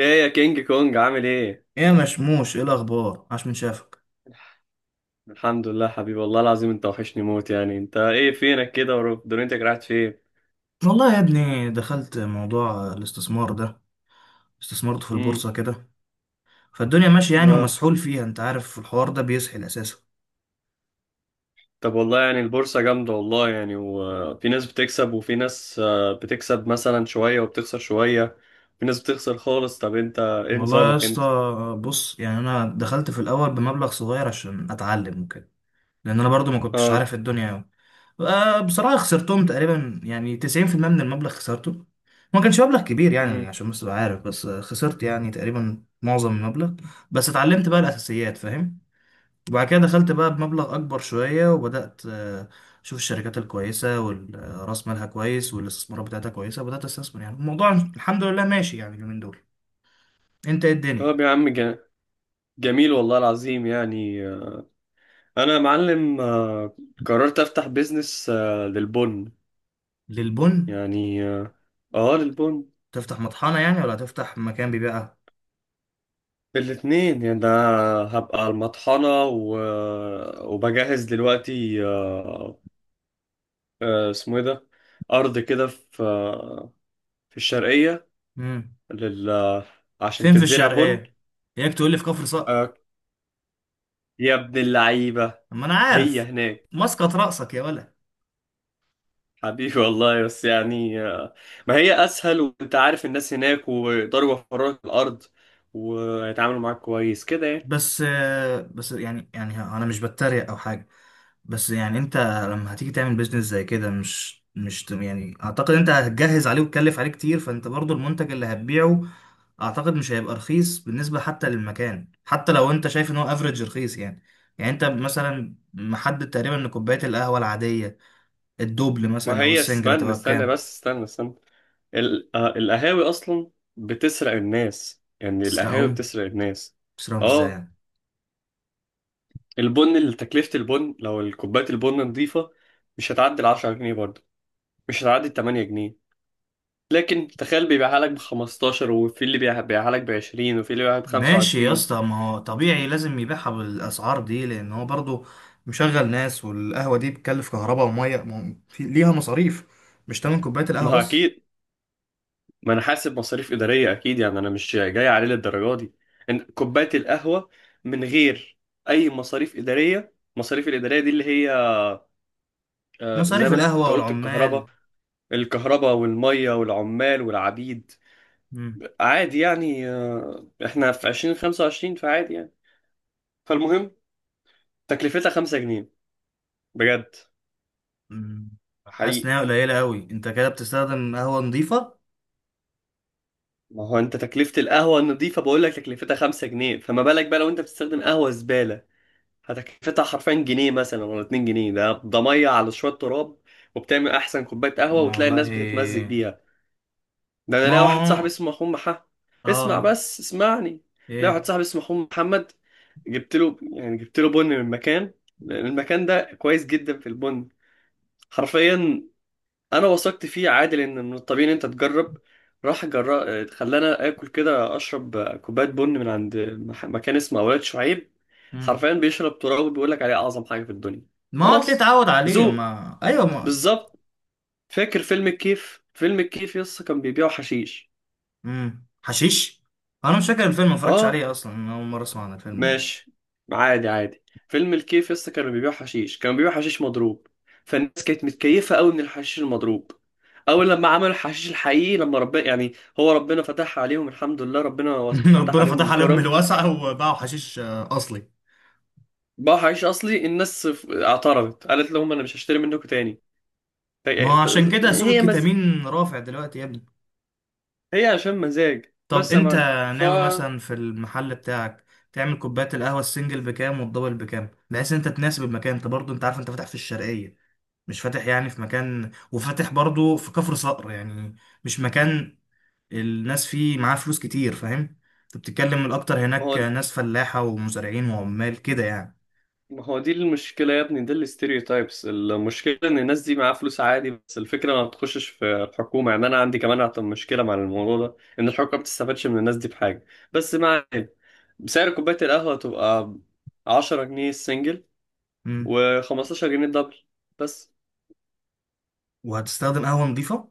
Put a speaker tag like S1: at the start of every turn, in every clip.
S1: ايه يا كينج كونج عامل ايه؟
S2: ايه يا مشموش، ايه الاخبار؟ عاش من شافك.
S1: الحمد لله حبيبي، والله العظيم انت وحشني موت، يعني انت ايه فينك كده ودنيتك راحت فين؟
S2: والله يا ابني دخلت موضوع الاستثمار ده. استثمرت في
S1: امم.
S2: البورصه كده. فالدنيا ماشيه يعني
S1: اه.
S2: ومسحول فيها، انت عارف الحوار ده بيسحل اساسا.
S1: طب والله يعني البورصة جامدة والله، يعني وفي ناس بتكسب وفي ناس بتكسب مثلا شوية وبتخسر شوية. في ناس بتخسر خالص. طب انت ايه
S2: والله يا
S1: نظامك
S2: اسطى،
S1: انت؟
S2: بص يعني انا دخلت في الاول بمبلغ صغير عشان اتعلم وكده، لان انا برضو ما كنتش
S1: اه.
S2: عارف الدنيا أوي. بصراحه خسرتهم تقريبا يعني 90% من المبلغ خسرته. ما كانش مبلغ كبير يعني،
S1: امم.
S2: عشان بس تبقى عارف، بس خسرت يعني تقريبا معظم المبلغ. بس اتعلمت بقى الاساسيات، فاهم؟ وبعد كده دخلت بقى بمبلغ أكبر شوية، وبدأت أشوف الشركات الكويسة والرأس مالها كويس والاستثمارات بتاعتها كويسة، وبدأت أستثمر. يعني الموضوع الحمد لله ماشي يعني اليومين دول. أنت إيه الدنيا؟
S1: طب يا عم جميل والله العظيم، يعني انا يا معلم قررت افتح بيزنس للبن.
S2: للبن؟
S1: يعني اه، للبن
S2: تفتح مطحنة يعني ولا تفتح مكان بيبيعها؟
S1: بالاتنين يعني ده. هبقى على المطحنة وبجهز دلوقتي، اسمه ايه ده، أرض كده في في الشرقية
S2: مم.
S1: لل... عشان
S2: فين في
S1: تتزرع بن.
S2: الشرقية؟ ياك تقول لي في كفر صقر.
S1: آه، يا ابن اللعيبة.
S2: أما أنا
S1: هي
S2: عارف
S1: هناك.
S2: مسقط رأسك يا ولد.
S1: حبيبي والله، بس يعني ما هي أسهل، وأنت عارف الناس هناك ويقدروا يوفروا لك الأرض ويتعاملوا معاك كويس كده يعني.
S2: بس بس يعني يعني انا مش بتريق او حاجه، بس يعني انت لما هتيجي تعمل بيزنس زي كده، مش مش ت- يعني اعتقد انت هتجهز عليه وتكلف عليه كتير. فانت برضو المنتج اللي هتبيعه اعتقد مش هيبقى رخيص بالنسبه حتى للمكان، حتى لو انت شايف ان هو افريج رخيص يعني. يعني انت مثلا محدد تقريبا ان كوبايه القهوه العاديه، الدوبل
S1: ما
S2: مثلا او
S1: هي
S2: السنجل،
S1: استنى
S2: هتبقى
S1: استنى،
S2: بكام؟
S1: بس استنى استنى. القهاوي اصلا بتسرق الناس، يعني القهاوي
S2: تسرقهم؟
S1: بتسرق الناس.
S2: تسرقهم ازاي
S1: اه.
S2: يعني؟
S1: البن اللي تكلفة البن، لو كوباية البن نظيفة مش هتعدي ال 10 جنيه برضه، مش هتعدي ال 8 جنيه، لكن تخيل بيبيعها لك ب 15، وفي اللي بيبيعها لك ب 20، وفي اللي بيبيعها ب
S2: ماشي يا
S1: 25.
S2: اسطى، ما هو طبيعي لازم يبيعها بالاسعار دي، لان هو برضو مشغل ناس، والقهوه دي بتكلف كهرباء وميه، ما هو ليها مصاريف، مش تمن كوبايه القهوه
S1: ما هو
S2: بس.
S1: اكيد، ما انا حاسب مصاريف إدارية اكيد، يعني انا مش جاي عليه للدرجة دي. إن كوباية القهوة من غير اي مصاريف إدارية، مصاريف الإدارية دي اللي هي زي
S2: مصاريف
S1: ما انت
S2: القهوه
S1: قلت
S2: والعمال.
S1: الكهرباء، الكهرباء والمية والعمال والعبيد.
S2: مم.
S1: عادي يعني، احنا في 2025 فعادي يعني. فالمهم تكلفتها 5 جنيه بجد.
S2: مم. حاسس
S1: حقيقي.
S2: انها قليله قوي. انت كده بتستخدم قهوه نظيفه؟
S1: ما هو انت تكلفة القهوة النظيفة بقول لك تكلفتها 5 جنيه، فما بالك بقى لو انت بتستخدم قهوة زبالة؟ هتكلفتها حرفيا جنيه مثلا ولا 2 جنيه. ده مية على شوية تراب، وبتعمل أحسن كوباية قهوة وتلاقي الناس بتتمزج
S2: والله.
S1: بيها. ده أنا
S2: ما
S1: لاقي واحد صاحبي
S2: هو.
S1: اسمه أخوه محمد.
S2: اه.
S1: اسمع،
S2: آه،
S1: بس اسمعني. لاقي واحد
S2: ايه؟
S1: صاحبي اسمه أخوه محمد، جبت له بن من مكان، لأن المكان ده كويس جدا في البن، حرفيا. انا وثقت فيه، عادل ان من الطبيعي ان انت تجرب. راح جرب، خلانا اكل كده اشرب كوبايه بن من عند مكان اسمه اولاد شعيب.
S2: مم.
S1: حرفيا بيشرب تراب بيقول لك عليه اعظم حاجه في الدنيا.
S2: ما هو اللي
S1: خلاص،
S2: اتعود عليه،
S1: ذوق،
S2: ما ايوه ما.
S1: بالظبط. فاكر فيلم الكيف؟ فيلم الكيف يس كان بيبيعوا حشيش.
S2: مم. حشيش. انا مش فاكر الفيلم، ما اتفرجتش
S1: اه،
S2: عليه اصلا، انا اول مره اسمع عن الفيلم.
S1: ماشي. عادي عادي، فيلم الكيف لسه كانوا بيبيعوا حشيش، كانوا بيبيعوا حشيش مضروب، فالناس كانت متكيفة قوي من الحشيش المضروب. اول لما عملوا الحشيش الحقيقي لما ربنا، يعني هو ربنا فتح عليهم الحمد لله، ربنا فتح
S2: ربنا
S1: عليهم
S2: فتح
S1: من
S2: عليهم من
S1: كرم.
S2: الواسعة وباعوا حشيش أصلي.
S1: باعوا حشيش اصلي، الناس اعترضت قالت لهم انا مش هشتري منكم تاني.
S2: ما
S1: هي.
S2: هو عشان كده سوق
S1: هي مز...
S2: الكتامين رافع دلوقتي يا ابني.
S1: هي عشان مزاج
S2: طب
S1: بس يا
S2: أنت
S1: معلم.
S2: ناوي مثلا في المحل بتاعك تعمل كوبايات القهوة السنجل بكام والدبل بكام، بحيث إن أنت تناسب المكان؟ أنت برضه أنت عارف أنت فاتح في الشرقية، مش فاتح يعني في مكان، وفاتح برضه في كفر صقر يعني، مش مكان الناس فيه معاه فلوس كتير، فاهم؟ أنت بتتكلم الأكتر
S1: ما
S2: هناك
S1: هو
S2: ناس فلاحة ومزارعين وعمال كده يعني.
S1: ما هو دي المشكلة يا ابني، دي تايبس. المشكلة ان الناس دي معاها فلوس عادي، بس الفكرة ما بتخشش في الحكومة، يعني انا عندي كمان أعتقد مشكلة مع الموضوع ده، ان الحكومة ما بتستفادش من الناس دي بحاجة. بس مع سعر كوباية القهوة تبقى 10 جنيه السنجل
S2: مم.
S1: و15 جنيه الدبل بس.
S2: وهتستخدم قهوة نظيفة؟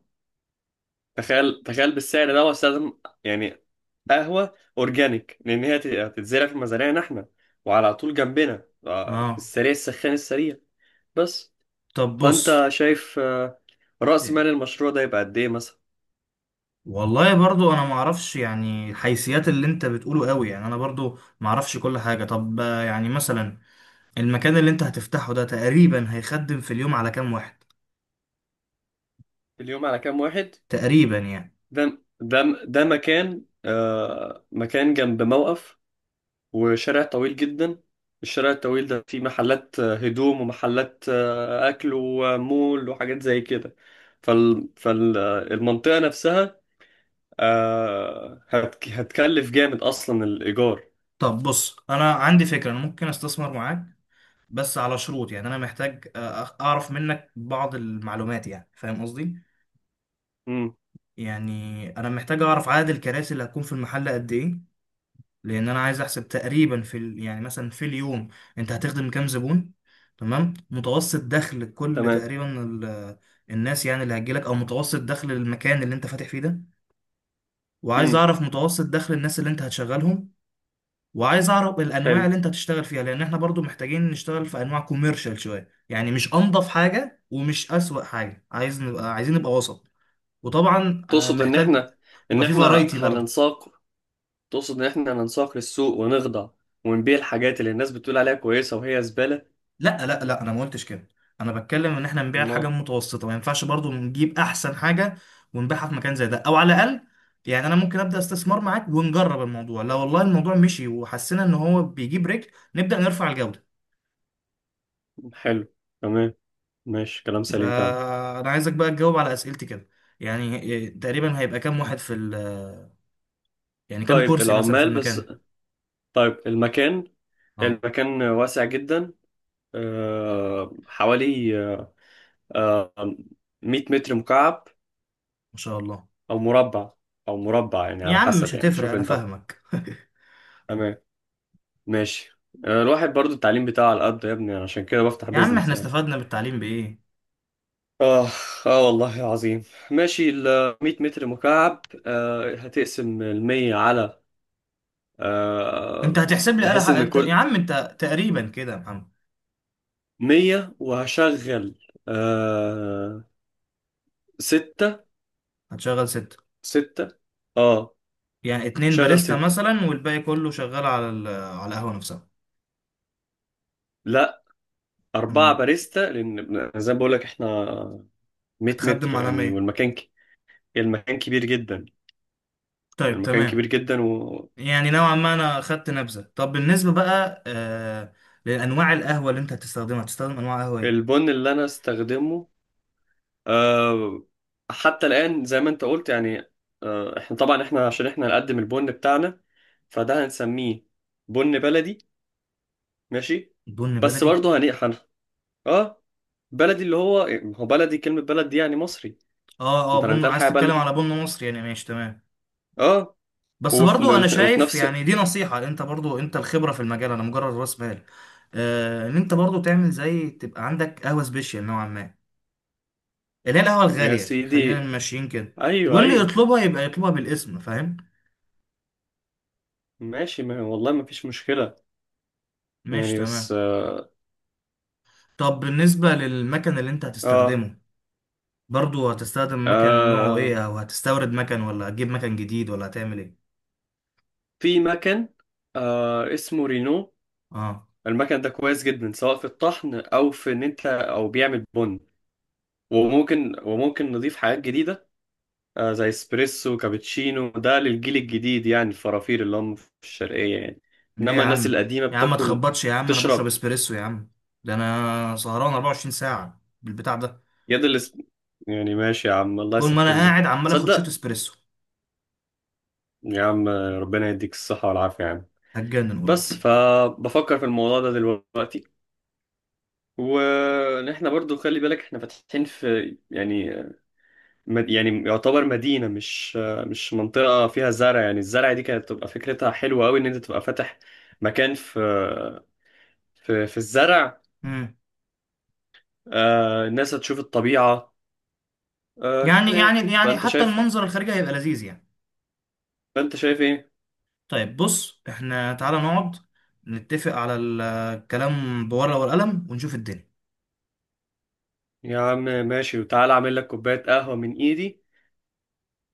S1: تخيل تخيل بالسعر ده واستخدم يعني قهوة اورجانيك، لان هي هتتزرع في مزارعنا احنا، وعلى طول جنبنا في
S2: اه.
S1: السريع السخان السريع. بس
S2: طب بص.
S1: فانت شايف رأس
S2: إيه.
S1: مال المشروع ده يبقى قد ايه مثلا؟
S2: والله برضو انا ما اعرفش يعني الحيثيات اللي انت بتقوله قوي، يعني انا برضو ما اعرفش كل حاجة. طب يعني مثلا المكان اللي انت هتفتحه ده تقريبا هيخدم في اليوم على كام واحد؟
S1: في اليوم على كام واحد؟
S2: تقريبا يعني.
S1: ده مكان، مكان جنب موقف وشارع طويل جدا، الشارع الطويل ده فيه محلات هدوم ومحلات اكل ومول وحاجات زي كده. فالمنطقة نفسها هتكلف جامد اصلا الايجار.
S2: طب بص انا عندي فكرة، انا ممكن استثمر معاك، بس على شروط. يعني انا محتاج اعرف منك بعض المعلومات، يعني فاهم قصدي؟
S1: امم.
S2: يعني انا محتاج اعرف عدد الكراسي اللي هتكون في المحل قد ايه، لان انا عايز احسب تقريبا يعني مثلا في اليوم انت هتخدم كام زبون، تمام؟ متوسط دخل كل
S1: تمام.
S2: تقريبا الناس يعني اللي هتجيلك، او متوسط دخل المكان اللي انت فاتح فيه ده. وعايز
S1: امم.
S2: اعرف متوسط دخل الناس اللي انت هتشغلهم. وعايز اعرف الانواع
S1: حلو.
S2: اللي انت هتشتغل فيها، لان احنا برضو محتاجين نشتغل في انواع كوميرشال شويه يعني، مش انضف حاجه ومش اسوأ حاجه، عايز نبقى، عايزين نبقى وسط. وطبعا
S1: تقصد ان
S2: محتاج
S1: احنا،
S2: يبقى في فرايتي برضو.
S1: هننساق. تقصد ان احنا ننساق للسوق ونخضع، ونبيع الحاجات اللي الناس بتقول عليها كويسة وهي زبالة.
S2: لا، انا ما قلتش كده. انا بتكلم ان احنا نبيع الحاجه
S1: ما،
S2: المتوسطه، ما ينفعش برضو نجيب احسن حاجه ونبيعها في مكان زي ده، او على الاقل يعني انا ممكن ابدا استثمار معاك ونجرب الموضوع، لو والله الموضوع مشي وحسينا ان هو بيجيب رجل نبدا نرفع الجوده.
S1: حلو. تمام، ماشي، كلام سليم فعلا.
S2: فانا عايزك بقى تجاوب على اسئلتي كده. يعني تقريبا هيبقى كام واحد يعني كام
S1: طيب
S2: كرسي مثلا في
S1: العمال بس.
S2: المكان؟
S1: طيب
S2: اه.
S1: المكان واسع جدا. حوالي أه... 100 متر مكعب،
S2: ما شاء الله.
S1: او مربع. يعني
S2: يا
S1: على
S2: عم
S1: حسب،
S2: مش
S1: يعني
S2: هتفرق،
S1: شوف
S2: انا
S1: انت.
S2: فاهمك.
S1: تمام، ماشي. الواحد برضو التعليم بتاعه على قد يا ابني، عشان كده بفتح
S2: يا عم
S1: بيزنس
S2: احنا
S1: يعني.
S2: استفدنا بالتعليم بايه؟
S1: آه آه والله عظيم. ماشي، ال 100 متر مكعب. هتقسم ال 100 على
S2: انت
S1: آه
S2: هتحسب لي، قلق
S1: بحيث إن
S2: انت يا
S1: كل
S2: عم، انت تقريبا كده يا محمد.
S1: 100، وهشغل آه ستة.
S2: هتشغل ستة؟
S1: ستة آه
S2: يعني اتنين
S1: شغل
S2: باريستا
S1: ستة.
S2: مثلا والباقي كله شغال على على القهوة نفسها.
S1: لا، أربعة
S2: أم-
S1: باريستا، لأن زي ما بقول لك إحنا 100 متر
S2: هتخدم على
S1: يعني،
S2: مية.
S1: والمكان المكان كبير جدا.
S2: طيب
S1: المكان كبير
S2: تمام.
S1: جدا
S2: يعني نوعا ما أنا خدت نبذة. طب بالنسبة بقى آه لأنواع القهوة اللي أنت هتستخدمها، هتستخدم أنواع قهوة إيه؟
S1: والبن اللي أنا استخدمه آه، حتى الآن، زي ما أنت قلت، يعني إحنا طبعا إحنا عشان إحنا نقدم البن بتاعنا، فده هنسميه بن بلدي. ماشي.
S2: بن
S1: بس
S2: بلدي؟
S1: برضه آه بلدي اللي هو، هو بلدي كلمة بلد دي يعني مصري.
S2: أه أه،
S1: أنت لما
S2: بن
S1: بتقول
S2: عايز
S1: حاجة
S2: تتكلم
S1: بلدي.
S2: على بن مصري يعني، ماشي تمام.
S1: آه،
S2: بس برضو أنا
S1: وفي
S2: شايف
S1: نفس.
S2: يعني، دي نصيحة، أنت برضو أنت الخبرة في المجال، أنا مجرد رأس مال، ان انت برضو تعمل زي تبقى عندك قهوه سبيشال نوعا ما، اللي هي القهوة
S1: يا
S2: الغالية، خلينا
S1: سيدي،
S2: ماشيين كده،
S1: أيوه
S2: واللي
S1: أيوه،
S2: يطلبها يبقى يطلبها بالاسم، فاهم؟
S1: ماشي، ما والله ما فيش مشكلة.
S2: ماشي
S1: يعني
S2: تمام.
S1: بس
S2: طب بالنسبة للمكان اللي انت
S1: آه
S2: هتستخدمه، برضو هتستخدم مكان نوعه
S1: آه،
S2: ايه؟ او هتستورد مكان ولا هتجيب مكان جديد ولا هتعمل ايه؟
S1: في مكان اسمه رينو.
S2: اه.
S1: المكن ده كويس جدا سواء في الطحن او في ان انت او بيعمل بن، وممكن نضيف حاجات جديده زي اسبريسو كابتشينو. ده للجيل الجديد يعني الفرافير اللي هم في الشرقيه يعني،
S2: ليه يا
S1: انما الناس
S2: عم؟
S1: القديمه
S2: يا عم ما
S1: بتاكل.
S2: تخبطش يا عم، انا بشرب
S1: تشرب.
S2: اسبريسو يا عم. ده انا سهران 24 ساعة بالبتاع ده.
S1: يد الاس... يعني ماشي يا عم، الله
S2: طول ما انا
S1: يسهل له.
S2: قاعد عمال اخد شوت
S1: تصدق،
S2: اسبريسو.
S1: يا عم ربنا يديك الصحه والعافيه يا عم.
S2: هتجنن قريب.
S1: بس فبفكر في الموضوع ده دلوقتي، وان احنا برضو خلي بالك احنا فاتحين في يعني يعني يعتبر مدينة، مش منطقة فيها زرع، يعني الزرع دي كانت تبقى فكرتها حلوة أوي إن أنت تبقى فاتح مكان في في الزرع.
S2: مم.
S1: الناس هتشوف الطبيعة،
S2: يعني
S1: كده يعني.
S2: يعني يعني حتى المنظر الخارجي هيبقى لذيذ يعني.
S1: فأنت شايف إيه؟
S2: طيب بص، احنا تعالى نقعد نتفق على الكلام بورقة والقلم ونشوف الدنيا.
S1: يا عم ماشي، وتعالى أعمل لك كوباية قهوة من إيدي،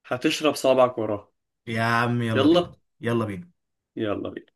S1: هتشرب صابعك وراها.
S2: يا عم يلا
S1: يلا.
S2: بينا. يلا بينا.
S1: يلا بينا.